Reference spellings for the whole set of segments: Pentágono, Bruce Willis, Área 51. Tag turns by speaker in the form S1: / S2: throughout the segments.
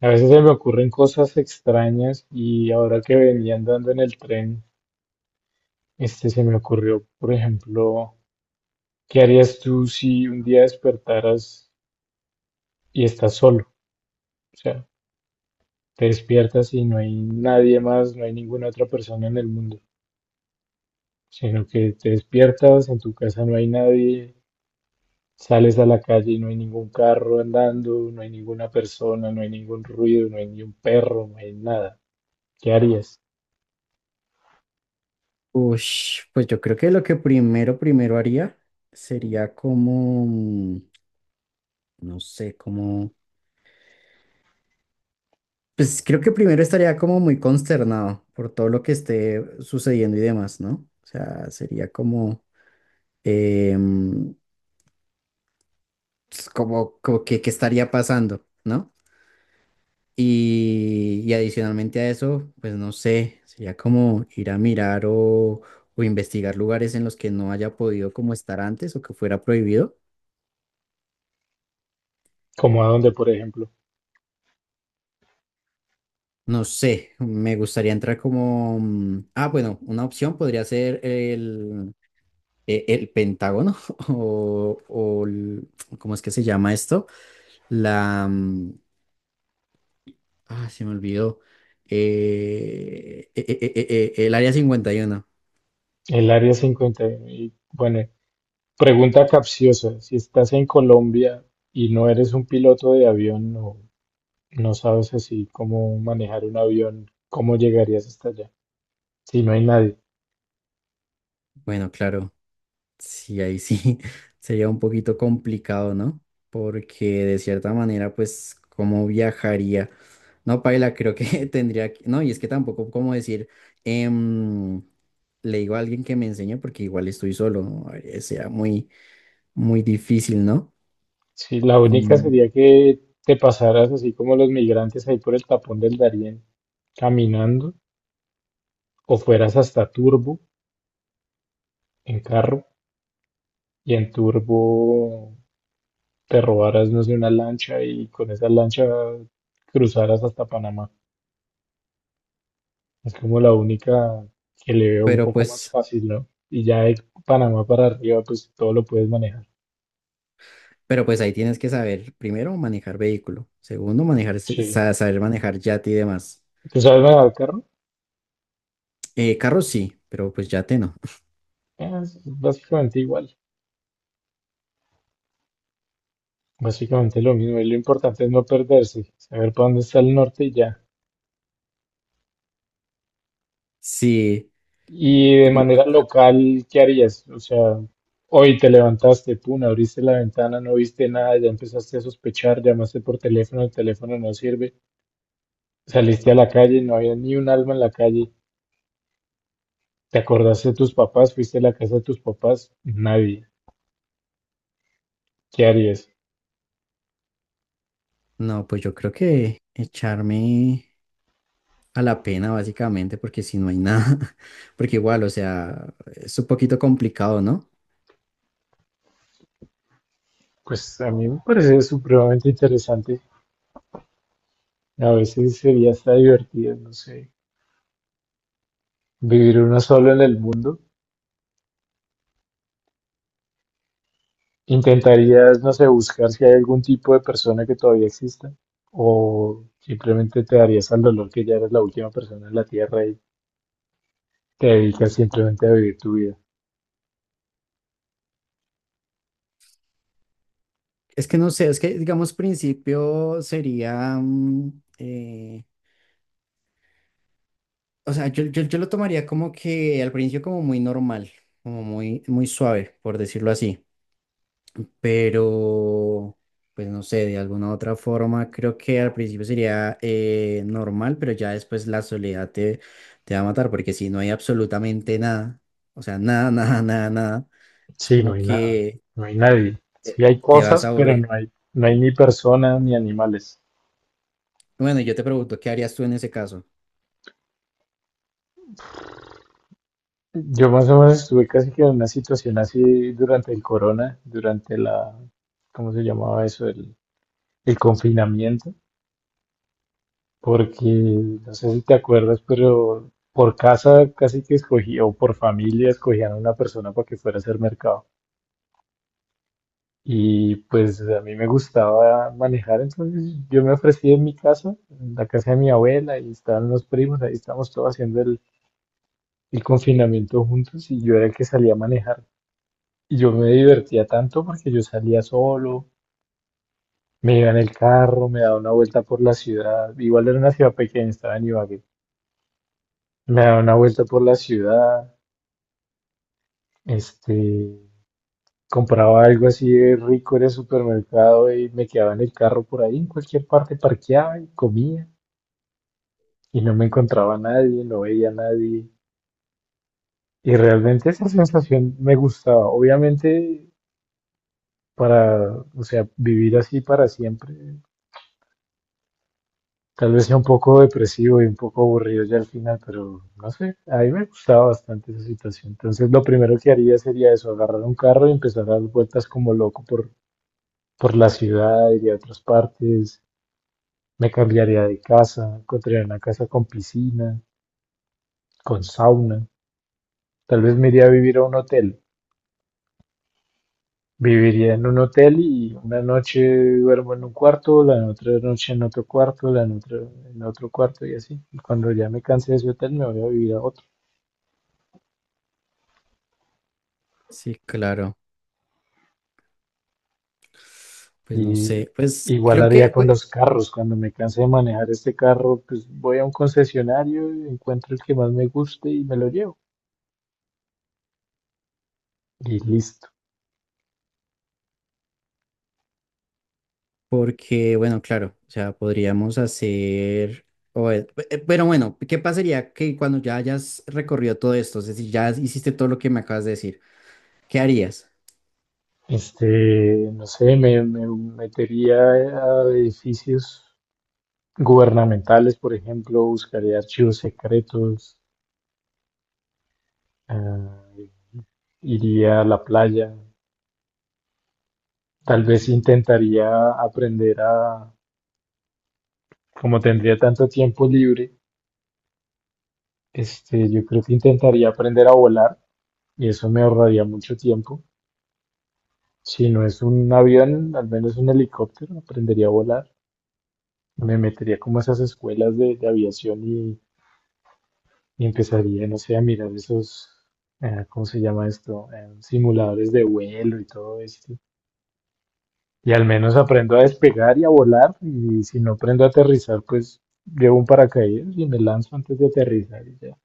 S1: A veces se me ocurren cosas extrañas y ahora que venía andando en el tren, se me ocurrió, por ejemplo, ¿qué harías tú si un día despertaras y estás solo? O sea, te despiertas y no hay nadie más, no hay ninguna otra persona en el mundo, sino que te despiertas, en tu casa no hay nadie, sales a la calle y no hay ningún carro andando, no hay ninguna persona, no hay ningún ruido, no hay ni un perro, no hay nada. ¿Qué harías?
S2: Ush, pues yo creo que lo que primero, primero haría sería como, no sé, como, pues creo que primero estaría como muy consternado por todo lo que esté sucediendo y demás, ¿no? O sea, sería como, eh, mm, pues, como, como que estaría pasando, ¿no? Y adicionalmente a eso, pues no sé, sería como ir a mirar o investigar lugares en los que no haya podido como estar antes o que fuera prohibido.
S1: Como a dónde, por ejemplo?
S2: No sé, me gustaría entrar como... mm, ah, bueno, una opción podría ser el, el Pentágono o el. ¿Cómo es que se llama esto? La... mm, Ah, se me olvidó. El Área 51.
S1: El área 51. Y uno. Y bueno, pregunta capciosa. Si estás en Colombia y no eres un piloto de avión, no, no sabes así cómo manejar un avión, ¿cómo llegarías hasta allá? Si no hay nadie.
S2: Bueno, claro. Sí, ahí sí sería un poquito complicado, ¿no? Porque de cierta manera, pues, ¿cómo viajaría? No, Paila, creo que tendría que... No, y es que tampoco como decir, em, le digo a alguien que me enseñe porque igual estoy solo, ¿no? Sea muy, muy difícil, ¿no?
S1: Si la única
S2: Mm,
S1: sería que te pasaras así como los migrantes ahí por el tapón del Darién, caminando, o fueras hasta Turbo en carro, y en Turbo te robaras, no sé, una lancha y con esa lancha cruzaras hasta Panamá. Es como la única que le veo un
S2: pero
S1: poco más
S2: pues,
S1: fácil, ¿no? Y ya de Panamá para arriba, pues todo lo puedes manejar.
S2: pero pues ahí tienes que saber, primero, manejar vehículo. Segundo, manejar,
S1: Sí.
S2: saber manejar yate y demás.
S1: ¿Tú sabes manejar el carro?
S2: Carro sí, pero pues yate no.
S1: Es básicamente igual. Básicamente lo mismo. Y lo importante es no perderse, saber para dónde está el norte y ya.
S2: Sí.
S1: Y de manera local, ¿qué harías? O sea, hoy te levantaste, pum, abriste la ventana, no viste nada, ya empezaste a sospechar, llamaste por teléfono, el teléfono no sirve, saliste a la calle, no había ni un alma en la calle. ¿Te acordaste de tus papás? ¿Fuiste a la casa de tus papás? Nadie. ¿Qué harías?
S2: No, pues yo creo que echarme a la pena básicamente, porque si no hay nada, porque igual, o sea, es un poquito complicado, ¿no?
S1: Pues a mí me parece supremamente interesante. A veces sería hasta divertido, no sé, vivir uno solo en el mundo. ¿Intentarías, no sé, buscar si hay algún tipo de persona que todavía exista? ¿O simplemente te darías al dolor que ya eres la última persona en la Tierra y te dedicas simplemente a vivir tu vida?
S2: Es que no sé, es que digamos principio sería, o sea, yo lo tomaría como que al principio como muy normal, como muy, muy suave, por decirlo así. Pero pues no sé, de alguna otra forma, creo que al principio sería normal, pero ya después la soledad te, te va a matar, porque si no hay absolutamente nada, o sea, nada, nada, nada, nada, es
S1: Sí, no
S2: como
S1: hay nada,
S2: que
S1: no hay nadie. Sí
S2: te,
S1: hay
S2: te vas
S1: cosas,
S2: a
S1: pero
S2: aburrir.
S1: no hay, no hay ni personas ni animales.
S2: Bueno, y yo te pregunto, ¿qué harías tú en ese caso?
S1: Yo más o menos estuve casi que en una situación así durante el corona, durante la, ¿cómo se llamaba eso? El confinamiento, porque no sé si te acuerdas, pero por casa casi que escogía, o por familia escogían a una persona para que fuera a hacer mercado. Y pues a mí me gustaba manejar, entonces yo me ofrecí en mi casa, en la casa de mi abuela, y estaban los primos, ahí estábamos todos haciendo el confinamiento juntos, y yo era el que salía a manejar. Y yo me divertía tanto porque yo salía solo, me iba en el carro, me daba una vuelta por la ciudad. Igual era una ciudad pequeña, estaba en Ibagué. Me daba una vuelta por la ciudad, este, compraba algo así de rico en el supermercado y me quedaba en el carro por ahí, en cualquier parte, parqueaba y comía y no me encontraba a nadie, no veía a nadie. Y realmente esa sensación me gustaba. Obviamente, para, o sea, vivir así para siempre tal vez sea un poco depresivo y un poco aburrido ya al final, pero no sé, a mí me gustaba bastante esa situación. Entonces lo primero que haría sería eso, agarrar un carro y empezar a dar vueltas como loco por la ciudad, iría a otras partes, me cambiaría de casa, encontraría una casa con piscina, con sauna, tal vez me iría a vivir a un hotel. Viviría en un hotel y una noche duermo en un cuarto, la otra noche en otro cuarto, la otra en otro cuarto y así. Y cuando ya me canse de ese hotel me voy a vivir a otro.
S2: Sí, claro. Pues no
S1: Y
S2: sé, pues
S1: igual
S2: creo
S1: haría
S2: que
S1: con
S2: pues,
S1: los carros. Cuando me canse de manejar este carro, pues voy a un concesionario, encuentro el que más me guste y me lo llevo. Y listo.
S2: porque, bueno, claro, o sea, podríamos hacer, o, pero bueno, ¿qué pasaría que cuando ya hayas recorrido todo esto? Es decir, ya hiciste todo lo que me acabas de decir, ¿qué harías?
S1: Este, no sé, me metería a edificios gubernamentales, por ejemplo, buscaría archivos secretos, ah, iría a la playa, tal vez intentaría aprender a, como tendría tanto tiempo libre, yo creo que intentaría aprender a volar y eso me ahorraría mucho tiempo. Si no es un avión, al menos un helicóptero, aprendería a volar. Me metería como a esas escuelas de aviación y empezaría, no sé, a mirar esos, ¿cómo se llama esto? Simuladores de vuelo y todo esto. Y al menos aprendo a despegar y a volar. Y si no aprendo a aterrizar, pues llevo un paracaídas y me lanzo antes de aterrizar y ya.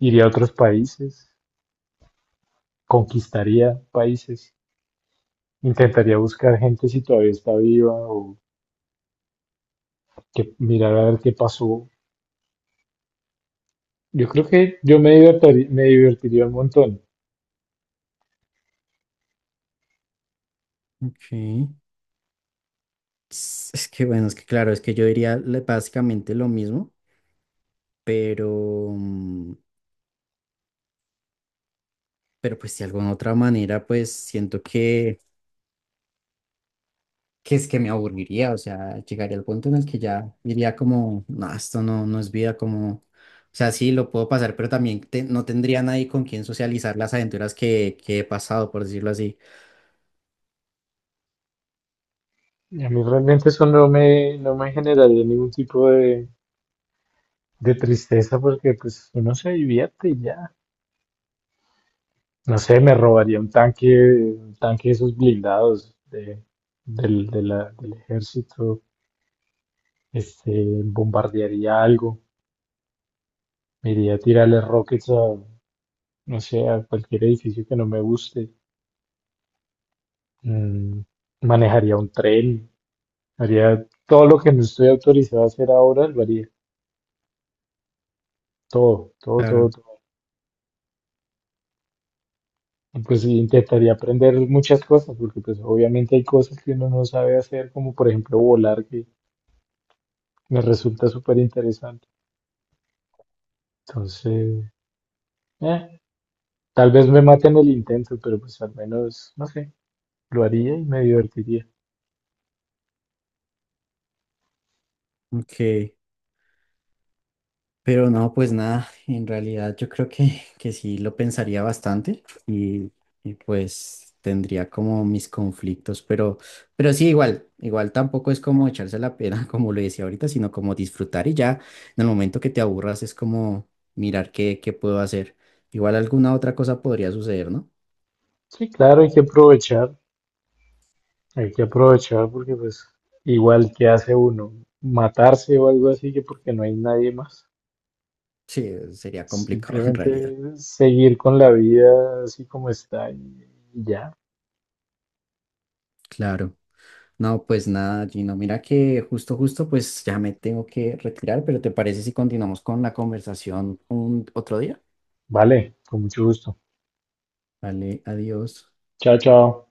S1: Iría a otros países, conquistaría países, intentaría buscar gente si todavía está viva o que mirar a ver qué pasó. Yo creo que yo me divertiría un montón.
S2: Ok. Es que, bueno, es que claro, es que yo diría básicamente lo mismo, pero, pero pues de alguna otra manera, pues siento que es que me aburriría, o sea, llegaría al punto en el que ya diría como, no, esto no, no es vida, como, o sea, sí, lo puedo pasar, pero también no tendría nadie con quien socializar las aventuras que he pasado, por decirlo así.
S1: Y a mí realmente eso no me, no me generaría ningún tipo de tristeza porque pues uno se divierte y ya. No sé, me robaría un tanque de esos blindados de, del, del ejército, este, bombardearía algo, me iría a tirarle rockets a, no sé, a cualquier edificio que no me guste, mm, manejaría un tren, haría todo lo que no estoy autorizado a hacer ahora, lo haría. Todo, todo, todo,
S2: Claro.
S1: todo. Y pues sí, intentaría aprender muchas cosas, porque pues obviamente hay cosas que uno no sabe hacer, como por ejemplo volar, que me resulta súper interesante. Entonces, eh, tal vez me maten el intento, pero pues al menos, no sé, lo haría y me divertiría.
S2: Ok. Pero no, pues nada, en realidad yo creo que sí lo pensaría bastante y pues tendría como mis conflictos, pero sí, igual, igual tampoco es como echarse la pena, como lo decía ahorita, sino como disfrutar y ya en el momento que te aburras es como mirar qué, qué puedo hacer. Igual alguna otra cosa podría suceder, ¿no?
S1: Sí, claro, hay que aprovechar porque pues igual que hace uno, matarse o algo así, que porque no hay nadie más.
S2: Sí, sería complicado en realidad.
S1: Simplemente seguir con la vida así como está y ya.
S2: Claro. No, pues nada, Gino. Mira que justo, justo, pues ya me tengo que retirar, pero ¿te parece si continuamos con la conversación un otro día?
S1: Vale, con mucho gusto.
S2: Vale, adiós.
S1: Chao, chao.